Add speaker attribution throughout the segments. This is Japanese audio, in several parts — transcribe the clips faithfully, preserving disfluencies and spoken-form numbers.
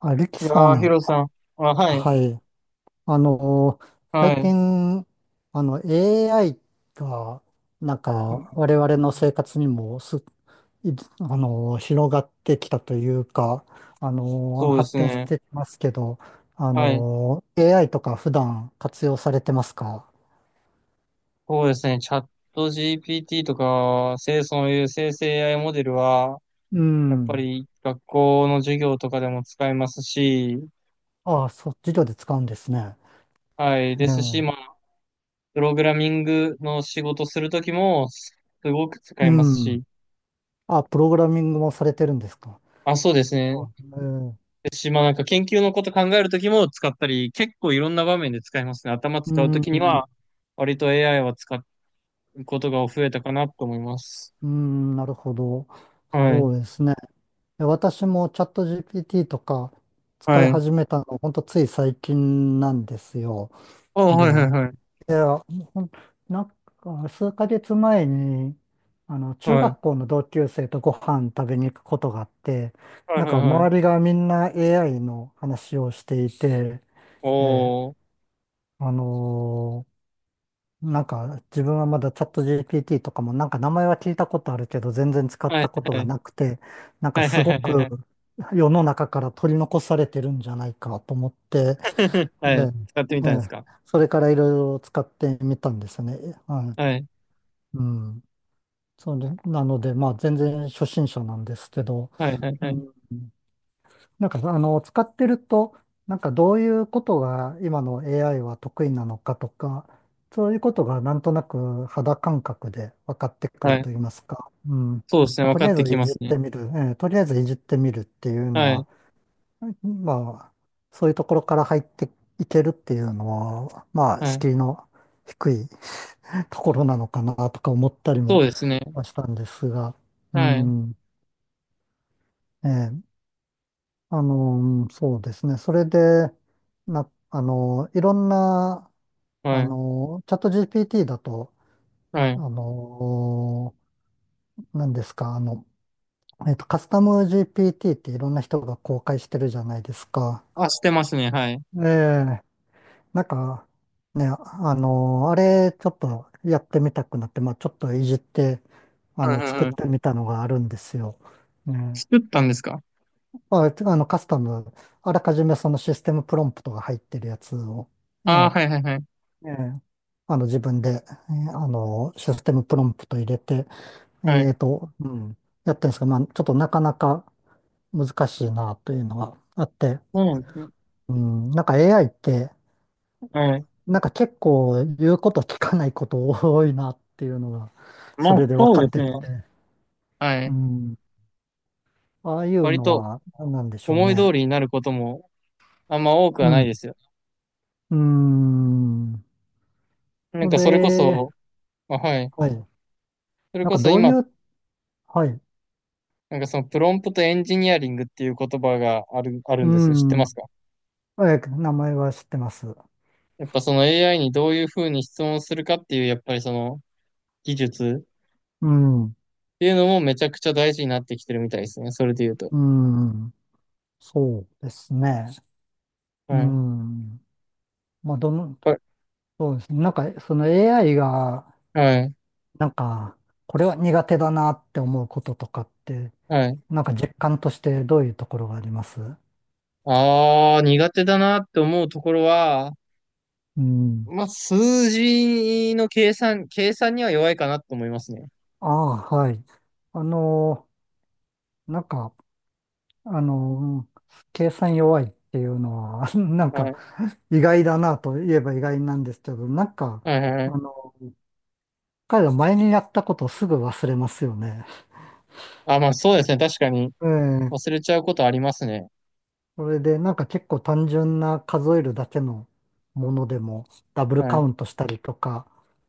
Speaker 1: あ、リキ
Speaker 2: いや
Speaker 1: さ
Speaker 2: ー、ヒ
Speaker 1: ん、
Speaker 2: ロさん。あ、はい、
Speaker 1: はい。あの
Speaker 2: は
Speaker 1: 最
Speaker 2: い。
Speaker 1: 近、あの、エーアイ が、なんか、我々の生活にもす、いあの広がってきたというか、あの
Speaker 2: そうで
Speaker 1: 発
Speaker 2: す
Speaker 1: 展し
Speaker 2: ね。
Speaker 1: てきますけど、あ
Speaker 2: はい。
Speaker 1: の エーアイ とか普段活用されてますか？
Speaker 2: そうですね。チャット ジーピーティー とか、せいそういう生成 エーアイ モデルは、
Speaker 1: う
Speaker 2: やっぱ
Speaker 1: ん。
Speaker 2: り学校の授業とかでも使えますし、
Speaker 1: ああ、そう、授業で使うんですね。
Speaker 2: はい。ですし、
Speaker 1: え
Speaker 2: ま
Speaker 1: え、
Speaker 2: あ、プログラミングの仕事するときも、すごく使
Speaker 1: う
Speaker 2: えます
Speaker 1: ん。
Speaker 2: し、
Speaker 1: あ、プログラミングもされてるんですか？
Speaker 2: あ、そうですね。
Speaker 1: あ、ええ、
Speaker 2: ですし、まあ、なんか研究のこと考えるときも使ったり、結構いろんな場面で使えますね。頭
Speaker 1: う
Speaker 2: 使うと
Speaker 1: ん。
Speaker 2: きには、割と エーアイ は使うことが増えたかなと思います。
Speaker 1: うーん、なるほど。
Speaker 2: はい。
Speaker 1: そうですね。え私もチャット ジーピーティー とか使い
Speaker 2: はい。
Speaker 1: 始めたの、ほんとつい最近なんですよ。
Speaker 2: おー、
Speaker 1: で、
Speaker 2: はいはいはい。
Speaker 1: いや、ほん、なんか数ヶ月前に、あの、中
Speaker 2: はい。
Speaker 1: 学校の同級生とご飯食べに行くことがあって、
Speaker 2: はい
Speaker 1: なん
Speaker 2: はい
Speaker 1: か
Speaker 2: はい。
Speaker 1: 周りがみんな エーアイ の話をしていて、ええ、
Speaker 2: おー。
Speaker 1: あのーなんか自分はまだチャット ジーピーティー とかもなんか名前は聞いたことあるけど全然使っ
Speaker 2: はい
Speaker 1: たこと
Speaker 2: はいは
Speaker 1: が
Speaker 2: い。
Speaker 1: なくて、なんか
Speaker 2: はいは
Speaker 1: す
Speaker 2: いは
Speaker 1: ご
Speaker 2: いはいは
Speaker 1: く
Speaker 2: い。
Speaker 1: 世の中から取り残されてるんじゃないかと思って、え
Speaker 2: はい。使ってみ
Speaker 1: え、え
Speaker 2: たんです
Speaker 1: え、
Speaker 2: か？
Speaker 1: それからいろいろ使ってみたんですね。は
Speaker 2: はい。
Speaker 1: い、うん、そうで、なのでまあ全然初心者なんですけど、
Speaker 2: はいはい
Speaker 1: う
Speaker 2: はい。
Speaker 1: ん、なんか、あの、使ってると、なんかどういうことが今の エーアイ は得意なのかとか、そういうことがなんとなく肌感覚で分かってく
Speaker 2: は
Speaker 1: る
Speaker 2: い。
Speaker 1: と言いますか。うん。ま
Speaker 2: そうですね。
Speaker 1: あ、
Speaker 2: 分
Speaker 1: と
Speaker 2: か
Speaker 1: りあ
Speaker 2: っ
Speaker 1: え
Speaker 2: て
Speaker 1: ず
Speaker 2: き
Speaker 1: い
Speaker 2: ま
Speaker 1: じ
Speaker 2: す
Speaker 1: っ
Speaker 2: ね。
Speaker 1: てみる、えーとりあえずいじってみるっていうの
Speaker 2: はい。
Speaker 1: は、まあ、そういうところから入っていけるっていうのは、まあ、
Speaker 2: はい。
Speaker 1: 敷居の低い ところなのかなとか思ったり
Speaker 2: そ
Speaker 1: も
Speaker 2: うですね。
Speaker 1: したんですが、う
Speaker 2: はい。
Speaker 1: ん。ええあの、そうですね。それで、な、あの、いろんな、
Speaker 2: は
Speaker 1: あ
Speaker 2: い。
Speaker 1: の、チャット ジーピーティー だと、
Speaker 2: は
Speaker 1: あ
Speaker 2: い。
Speaker 1: の、何ですか、あの、えっと、カスタム ジーピーティー っていろんな人が公開してるじゃないですか。
Speaker 2: あ、してますね。はい。
Speaker 1: ええ、なんか、ね、あの、あれ、ちょっとやってみたくなって、まあ、ちょっといじって、あ
Speaker 2: はい
Speaker 1: の、
Speaker 2: はい
Speaker 1: 作っ
Speaker 2: は
Speaker 1: て
Speaker 2: い。
Speaker 1: みたのがあるんですよ。ね、
Speaker 2: 作ったんですか？
Speaker 1: まあ、あの、カスタム、あらかじめそのシステムプロンプトが入ってるやつを、
Speaker 2: ああー、
Speaker 1: ね
Speaker 2: はいはいはい。
Speaker 1: ええあの、自分で、えーあの、システムプロンプト入れて、
Speaker 2: は
Speaker 1: え
Speaker 2: い。
Speaker 1: っと、うん、やってるんですが、まあ、ちょっとなかなか難しいなというのがあって、
Speaker 2: そうなんですね。
Speaker 1: うん、なんか エーアイ って、
Speaker 2: はい。
Speaker 1: なんか結構言うこと聞かないこと多いなっていうのが、
Speaker 2: ま
Speaker 1: それ
Speaker 2: あ、
Speaker 1: で分
Speaker 2: そう
Speaker 1: か
Speaker 2: で
Speaker 1: っ
Speaker 2: す
Speaker 1: て
Speaker 2: ね。
Speaker 1: きて、
Speaker 2: は
Speaker 1: う
Speaker 2: い。
Speaker 1: ん、ああいう
Speaker 2: 割
Speaker 1: の
Speaker 2: と
Speaker 1: は何なんでしょう
Speaker 2: 思い
Speaker 1: ね。
Speaker 2: 通りになることもあんま多く
Speaker 1: う
Speaker 2: はない
Speaker 1: ん、
Speaker 2: ですよ。
Speaker 1: うん、
Speaker 2: なん
Speaker 1: そ
Speaker 2: かそれこ
Speaker 1: れ、
Speaker 2: そ、あ、はい。
Speaker 1: はい、
Speaker 2: それ
Speaker 1: なん
Speaker 2: こ
Speaker 1: か
Speaker 2: そ
Speaker 1: どう
Speaker 2: 今、
Speaker 1: いう、はい、
Speaker 2: なんかそのプロンプトエンジニアリングっていう言葉がある、ある
Speaker 1: う
Speaker 2: んですよ。知ってます
Speaker 1: ん、
Speaker 2: か？
Speaker 1: えー名前は知ってます。
Speaker 2: やっぱその エーアイ にどういうふうに質問するかっていう、やっぱりその技術
Speaker 1: うん。
Speaker 2: っていうのもめちゃくちゃ大事になってきてるみたいですね。それで言うと。
Speaker 1: うん、そうですね。う
Speaker 2: はい。
Speaker 1: ん。まあ、どの、
Speaker 2: はい。
Speaker 1: そうですね。なんか、その エーアイ が、
Speaker 2: はい。
Speaker 1: なんか、これは苦手だなって思うこととかって、
Speaker 2: はい。
Speaker 1: なんか実感としてどういうところがあります？
Speaker 2: ああ、苦手だなって思うところは、
Speaker 1: うん。
Speaker 2: まあ、数字の計算、計算には弱いかなと思いますね。
Speaker 1: ああ、はい。あのー、なんか、あのー、計算弱いっていうのは、なん
Speaker 2: は
Speaker 1: か、
Speaker 2: い。
Speaker 1: 意外だなと言えば意外なんですけど、なんか、
Speaker 2: はいはいはい。
Speaker 1: あの、彼ら前にやったことをすぐ忘れますよね。
Speaker 2: あ、まあそうですね。確かに
Speaker 1: ええ
Speaker 2: 忘れちゃうことありますね。
Speaker 1: それでなんか結構単純な数えるだけのものでもダブルカウ
Speaker 2: は
Speaker 1: ントしたりとか、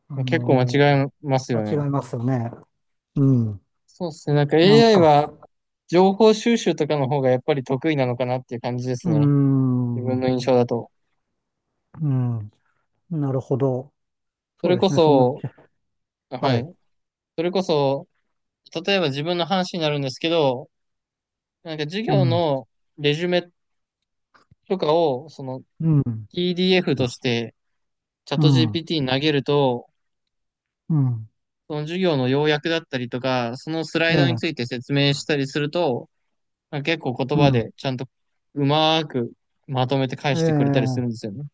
Speaker 1: あ
Speaker 2: い。結構間
Speaker 1: の
Speaker 2: 違
Speaker 1: ー
Speaker 2: えます
Speaker 1: 間
Speaker 2: よね。
Speaker 1: 違いますよね。うん。
Speaker 2: そうですね。なんか
Speaker 1: なん
Speaker 2: エーアイ
Speaker 1: か、
Speaker 2: は情報収集とかの方がやっぱり得意なのかなっていう感じです
Speaker 1: うー
Speaker 2: ね。自
Speaker 1: ん、
Speaker 2: 分
Speaker 1: う
Speaker 2: の印象だと。
Speaker 1: ん、なるほど。
Speaker 2: そ
Speaker 1: そう
Speaker 2: れ
Speaker 1: で
Speaker 2: こ
Speaker 1: すね、その、
Speaker 2: そ、
Speaker 1: は
Speaker 2: は
Speaker 1: い。
Speaker 2: い。それこそ、例えば自分の話になるんですけど、なんか授
Speaker 1: う
Speaker 2: 業
Speaker 1: ん、
Speaker 2: のレジュメとかを、その
Speaker 1: うん、
Speaker 2: ピーディーエフ としてチャッ
Speaker 1: う
Speaker 2: ト
Speaker 1: ん、
Speaker 2: ジーピーティー に投げると、
Speaker 1: うん、
Speaker 2: その授業の要約だったりとか、そのスラ
Speaker 1: え
Speaker 2: イドに
Speaker 1: え、
Speaker 2: ついて説明したりすると、なんか結構言
Speaker 1: う
Speaker 2: 葉
Speaker 1: ん、
Speaker 2: でちゃんとうまーくまとめて返
Speaker 1: え
Speaker 2: してくれたりす
Speaker 1: え、
Speaker 2: るんですよね。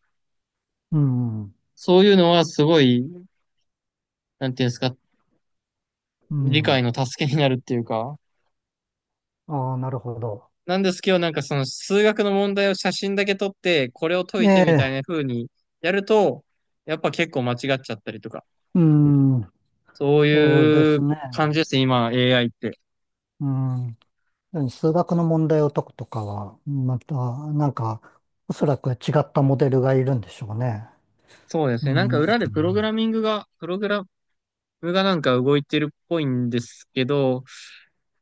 Speaker 1: うん、
Speaker 2: そういうのはすごい、なんていうんですか、
Speaker 1: う
Speaker 2: 理
Speaker 1: ん。
Speaker 2: 解の助けになるっていうか。
Speaker 1: ああ、なるほど。
Speaker 2: なんですけど、なんかその数学の問題を写真だけ撮って、これを解
Speaker 1: え
Speaker 2: いて、みたい
Speaker 1: え、
Speaker 2: な風にやると、やっぱ結構間違っちゃったりとか、
Speaker 1: うん、
Speaker 2: そう
Speaker 1: そうで
Speaker 2: い
Speaker 1: す
Speaker 2: う
Speaker 1: ね。
Speaker 2: 感じですね、今 エーアイ って。
Speaker 1: うん、何、数学の問題を解くとかは、また、なんか、おそらく違ったモデルがいるんでしょうね。
Speaker 2: そうです
Speaker 1: う
Speaker 2: ね。なんか裏でプログ
Speaker 1: ん。
Speaker 2: ラミングが、プログラムがなんか動いてるっぽいんですけど、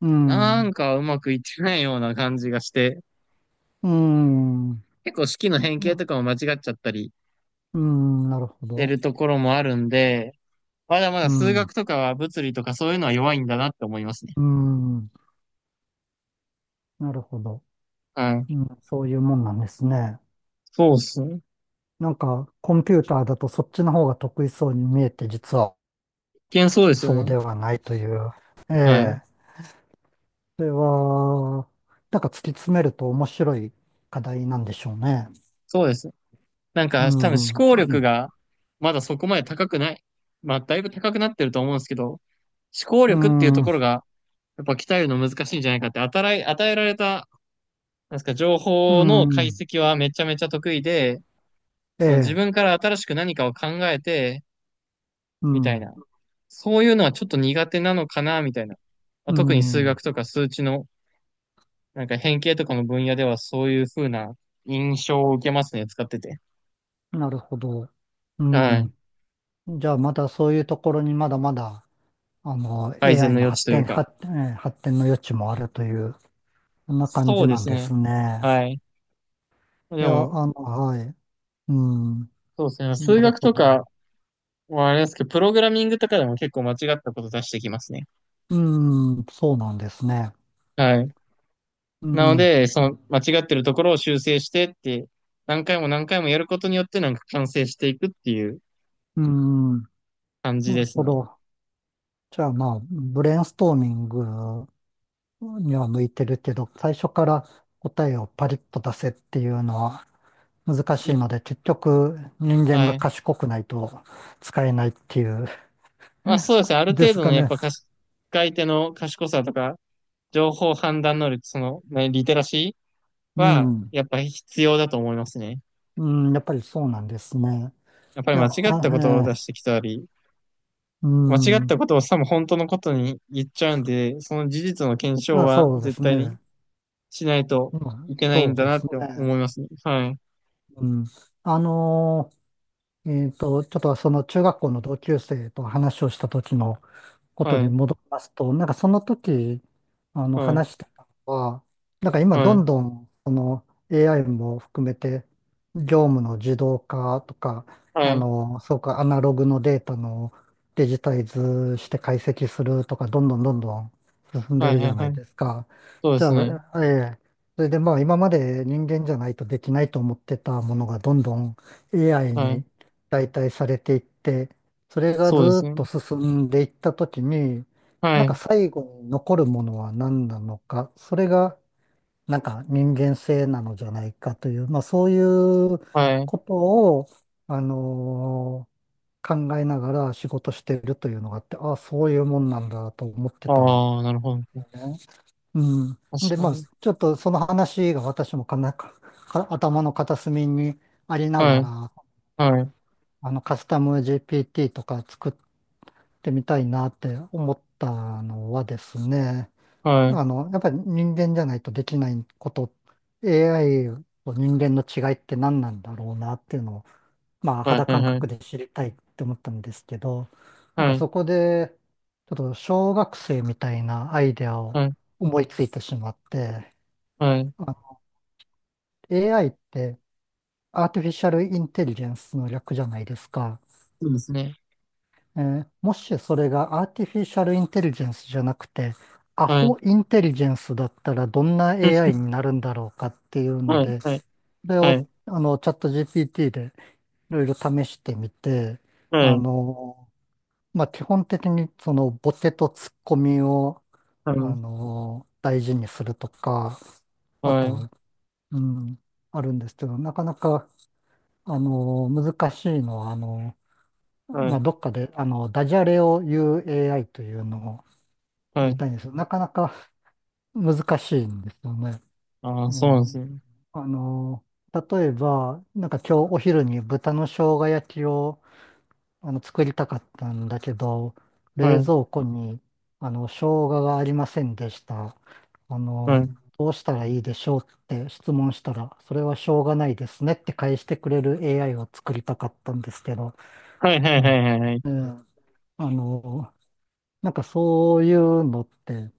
Speaker 1: う
Speaker 2: なん
Speaker 1: ん。
Speaker 2: かうまくいってないような感じがして、
Speaker 1: うん。
Speaker 2: 結構式の変形
Speaker 1: な、
Speaker 2: とかも間違っちゃったりし
Speaker 1: うん、なるほ
Speaker 2: て
Speaker 1: ど。
Speaker 2: るところもあるんで、まだまだ
Speaker 1: う
Speaker 2: 数
Speaker 1: ん。
Speaker 2: 学とかは物理とかそういうのは弱いんだなって思いますね。
Speaker 1: うん。なるほど。
Speaker 2: はい。
Speaker 1: うん、そういうもんなんですね。
Speaker 2: そうっすね。
Speaker 1: なんか、コンピューターだとそっちの方が得意そうに見えて、実は
Speaker 2: 一見そうですよ
Speaker 1: そう
Speaker 2: ね。
Speaker 1: ではないという。
Speaker 2: はい。
Speaker 1: ええ。それは、なんか突き詰めると面白い課題なんでしょうね。
Speaker 2: そうです。なん
Speaker 1: う
Speaker 2: か多分思
Speaker 1: ん。
Speaker 2: 考力がまだそこまで高くない。まあだいぶ高くなってると思うんですけど、思考
Speaker 1: う
Speaker 2: 力っていうとこ
Speaker 1: ん、
Speaker 2: ろがやっぱ鍛えるの難しいんじゃないかって、与え、与えられた、なんですか、情
Speaker 1: う
Speaker 2: 報の解
Speaker 1: ん、
Speaker 2: 析はめちゃめちゃ得意で、
Speaker 1: え
Speaker 2: その自
Speaker 1: え、
Speaker 2: 分から新しく何かを考えて、
Speaker 1: う
Speaker 2: みたい
Speaker 1: ん、
Speaker 2: な。そういうのはちょっと苦手なのかな、みたいな。まあ
Speaker 1: う
Speaker 2: 特に数
Speaker 1: ん、
Speaker 2: 学とか数値のなんか変形とかの分野ではそういう風な印象を受けますね、使ってて。
Speaker 1: なるほど。う
Speaker 2: はい。
Speaker 1: ん。じゃあ、まだそういうところにまだまだ、あの、
Speaker 2: 改善
Speaker 1: エーアイ
Speaker 2: の
Speaker 1: の
Speaker 2: 余地
Speaker 1: 発
Speaker 2: という
Speaker 1: 展、
Speaker 2: か。
Speaker 1: 発展、ええ発展の余地もあるという、そんな感
Speaker 2: そう
Speaker 1: じ
Speaker 2: で
Speaker 1: なん
Speaker 2: す
Speaker 1: で
Speaker 2: ね。
Speaker 1: すね。
Speaker 2: はい。で
Speaker 1: いや、
Speaker 2: も、
Speaker 1: あの、はい。うん、
Speaker 2: そうですね。数
Speaker 1: なる
Speaker 2: 学
Speaker 1: ほ
Speaker 2: とか
Speaker 1: ど。
Speaker 2: はあれですけど、プログラミングとかでも結構間違ったこと出してきますね。
Speaker 1: うん、そうなんですね。
Speaker 2: はい。
Speaker 1: う
Speaker 2: なの
Speaker 1: ん、
Speaker 2: で、その間違ってるところを修正してって、何回も何回もやることによってなんか完成していくっていう
Speaker 1: うん、
Speaker 2: 感じ
Speaker 1: な
Speaker 2: で
Speaker 1: る
Speaker 2: す
Speaker 1: ほ
Speaker 2: ね。
Speaker 1: ど。じゃあ、まあ、ブレインストーミングには向いてるけど、最初から答えをパリッと出せっていうのは難しいの
Speaker 2: い
Speaker 1: で、結局人間
Speaker 2: は
Speaker 1: が
Speaker 2: い。
Speaker 1: 賢くないと使えないっていう、
Speaker 2: あ、そうですね。ある
Speaker 1: で
Speaker 2: 程
Speaker 1: す
Speaker 2: 度
Speaker 1: か
Speaker 2: のやっ
Speaker 1: ね。
Speaker 2: ぱかし、使い手の賢さとか、情報判断能力、その、ね、リテラシー
Speaker 1: う
Speaker 2: は、
Speaker 1: ん。
Speaker 2: やっぱ必要だと思いますね。
Speaker 1: うん、やっぱりそうなんですね。
Speaker 2: やっぱり
Speaker 1: いや、
Speaker 2: 間違ったことを
Speaker 1: あ、
Speaker 2: 出してきたり、
Speaker 1: えー、う
Speaker 2: 間違っ
Speaker 1: ん。
Speaker 2: たことをさも本当のことに言っちゃうんで、その事実の検証
Speaker 1: あ、
Speaker 2: は
Speaker 1: そうで
Speaker 2: 絶
Speaker 1: す
Speaker 2: 対に
Speaker 1: ね。
Speaker 2: しないと
Speaker 1: う
Speaker 2: い
Speaker 1: ん、
Speaker 2: けない
Speaker 1: そ
Speaker 2: ん
Speaker 1: う
Speaker 2: だ
Speaker 1: で
Speaker 2: なっ
Speaker 1: す
Speaker 2: て思
Speaker 1: ね。
Speaker 2: いますね。はい。
Speaker 1: うん。あのーえっと、ちょっとその中学校の同級生と話をした時のこと
Speaker 2: は
Speaker 1: に
Speaker 2: い。
Speaker 1: 戻りますと、なんかその時、あの、話してたのは、なんか今ど
Speaker 2: はい。
Speaker 1: んどん、その エーアイ も含めて、業務の自動化とか、
Speaker 2: は
Speaker 1: あ
Speaker 2: い。
Speaker 1: の、そうか、アナログのデータのデジタイズして解析するとか、どんどんどんどん進んで
Speaker 2: はい。
Speaker 1: るじ
Speaker 2: は
Speaker 1: ゃ
Speaker 2: い。は
Speaker 1: な
Speaker 2: い。
Speaker 1: い
Speaker 2: はい。
Speaker 1: ですか。
Speaker 2: そうで
Speaker 1: じゃ
Speaker 2: すね。
Speaker 1: あ、ええ、それでまあ今まで人間じゃないとできないと思ってたものがどんどん エーアイ
Speaker 2: は
Speaker 1: に
Speaker 2: い。
Speaker 1: 代替されていって、それが
Speaker 2: そ
Speaker 1: ず
Speaker 2: うで
Speaker 1: ー
Speaker 2: すね。
Speaker 1: っと進んでいったときに、
Speaker 2: は
Speaker 1: なんか
Speaker 2: い。
Speaker 1: 最後に残るものは何なのか、それがなんか人間性なのじゃないかという、まあそういう
Speaker 2: はい。
Speaker 1: ことを、あのー考えながら仕事してるというのがあって、ああ、そういうもんなんだと思ってたん
Speaker 2: ああ、なるほど。
Speaker 1: だね。う
Speaker 2: 確
Speaker 1: ん。で、
Speaker 2: か
Speaker 1: まあ
Speaker 2: に。
Speaker 1: ちょっとその話が私もかなか、か頭の片隅にありな
Speaker 2: は
Speaker 1: が
Speaker 2: い。
Speaker 1: ら、
Speaker 2: はい。
Speaker 1: あのカスタム ジーピーティー とか作っってみたいなって思ったのはですね、
Speaker 2: はい。
Speaker 1: あの、やっぱり人間じゃないとできないこと、エーアイ と人間の違いって何なんだろうなっていうのを、まあ
Speaker 2: はい。
Speaker 1: 肌
Speaker 2: はい。
Speaker 1: 感
Speaker 2: はい。
Speaker 1: 覚で知りたいって思ったんですけど、なん
Speaker 2: は
Speaker 1: か
Speaker 2: い。
Speaker 1: そこで、ちょっと小学生みたいなアイデアを
Speaker 2: はい。
Speaker 1: 思いついてしまって、
Speaker 2: はい。
Speaker 1: あ エーアイ ってアーティフィシャルインテリジェンスの略じゃないですか。
Speaker 2: そうですね。
Speaker 1: えー、もしそれがアーティフィシャルインテリジェンスじゃなくて、
Speaker 2: はいはい、ああ、なるほど、確かに、はいはいはいはいはいはいはいはい、そうですね、
Speaker 1: ア
Speaker 2: はい。
Speaker 1: ホインテリジェンスだったらどんな エーアイ になるんだろうかっていうの
Speaker 2: はい、
Speaker 1: で、
Speaker 2: はい、
Speaker 1: それ
Speaker 2: は
Speaker 1: を
Speaker 2: い、
Speaker 1: あのチャット ジーピーティー でいろいろ試してみて、
Speaker 2: は
Speaker 1: あ
Speaker 2: い、
Speaker 1: の、まあ、基本的にそのボケとツッコミを、
Speaker 2: は
Speaker 1: あ
Speaker 2: い、
Speaker 1: の、大事にするとか、あ
Speaker 2: はい、
Speaker 1: と、うん、あるんですけど、なかなか、あの、難しいのは、あの、
Speaker 2: は
Speaker 1: まあ、
Speaker 2: い、
Speaker 1: どっかで、あの、ダジャレを言う エーアイ というのを
Speaker 2: は
Speaker 1: 言い
Speaker 2: い。
Speaker 1: たいんですよ。なかなか難しいんですよね。
Speaker 2: ああ、
Speaker 1: う
Speaker 2: そうなんです
Speaker 1: ん。
Speaker 2: ね。
Speaker 1: あの、例えば、なんか今日お昼に豚の生姜焼きをあの作りたかったんだけど、
Speaker 2: は
Speaker 1: 冷
Speaker 2: い、
Speaker 1: 蔵庫に、あの、生姜がありませんでした。あ
Speaker 2: は
Speaker 1: の、
Speaker 2: い、
Speaker 1: どうしたらいいでしょうって質問したら、それはしょうがないですねって返してくれる エーアイ を作りたかったんですけど、
Speaker 2: はい、はい、
Speaker 1: う
Speaker 2: は
Speaker 1: ん。
Speaker 2: い、はい、
Speaker 1: ええあの、なんかそういうのって、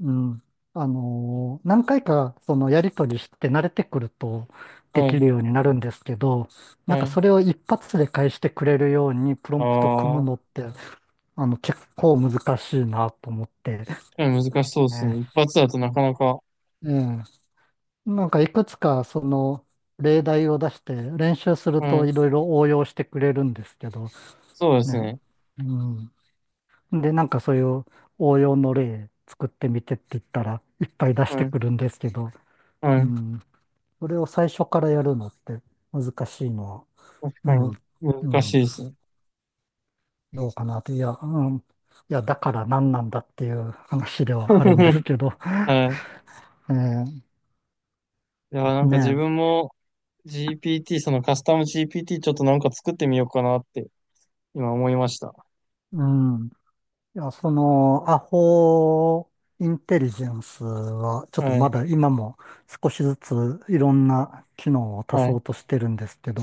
Speaker 1: うん、あのー何回かそのやりとりして慣れてくるとで
Speaker 2: は
Speaker 1: きる
Speaker 2: い、
Speaker 1: ようになるんですけど、なん
Speaker 2: は
Speaker 1: か
Speaker 2: い。
Speaker 1: それを一発で返してくれるようにプロンプト組む
Speaker 2: あ
Speaker 1: のっ
Speaker 2: あ、
Speaker 1: て、あの結構難しいなと思ってね、
Speaker 2: 確かに難しそうで
Speaker 1: え
Speaker 2: すね。一発だと
Speaker 1: え、
Speaker 2: なかなか、
Speaker 1: うんなんかいくつかその例題を出して練習する
Speaker 2: は
Speaker 1: と
Speaker 2: い、
Speaker 1: いろいろ応用してくれるんですけど、
Speaker 2: そうです
Speaker 1: ね、
Speaker 2: ね。
Speaker 1: うんで、なんかそういう応用の例作ってみてって言ったらいっぱい出して
Speaker 2: はい、
Speaker 1: くるんですけど、う
Speaker 2: はい、
Speaker 1: ん、それを最初からやるのって難しいのは、う
Speaker 2: は
Speaker 1: ん、
Speaker 2: い。
Speaker 1: う
Speaker 2: 難し
Speaker 1: ん、
Speaker 2: いですね。
Speaker 1: どうかなって、いや、うん、いや、だから何なんだっていう話ではあるんですけど、
Speaker 2: はい。
Speaker 1: えー
Speaker 2: いや、
Speaker 1: で
Speaker 2: な
Speaker 1: す
Speaker 2: んか自
Speaker 1: ね、
Speaker 2: 分も ジーピーティー、そのカスタム ジーピーティー ちょっとなんか作ってみようかなって今思いました。
Speaker 1: うん、いや、その、アホインテリジェンスは、ちょっと
Speaker 2: は
Speaker 1: ま
Speaker 2: い、
Speaker 1: だ今も少しずついろんな機能を足
Speaker 2: は
Speaker 1: そ
Speaker 2: い。
Speaker 1: うとしてるんですけど、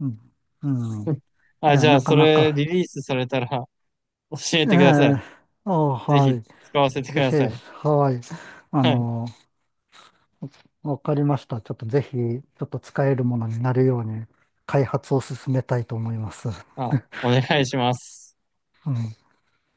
Speaker 1: うん、うんい
Speaker 2: あ、
Speaker 1: や、
Speaker 2: じゃ
Speaker 1: な
Speaker 2: あ、
Speaker 1: か
Speaker 2: そ
Speaker 1: な
Speaker 2: れリ
Speaker 1: か、
Speaker 2: リースされたら教え
Speaker 1: え
Speaker 2: てください。
Speaker 1: えあ、
Speaker 2: ぜ
Speaker 1: は
Speaker 2: ひ
Speaker 1: い。
Speaker 2: 使わせてく
Speaker 1: ぜ
Speaker 2: だ
Speaker 1: ひ、
Speaker 2: さい。
Speaker 1: はい。あ
Speaker 2: はい。
Speaker 1: の、わかりました。ちょっとぜひ、ちょっと使えるものになるように、開発を進めたいと思います。
Speaker 2: あ、お願いします。
Speaker 1: うん。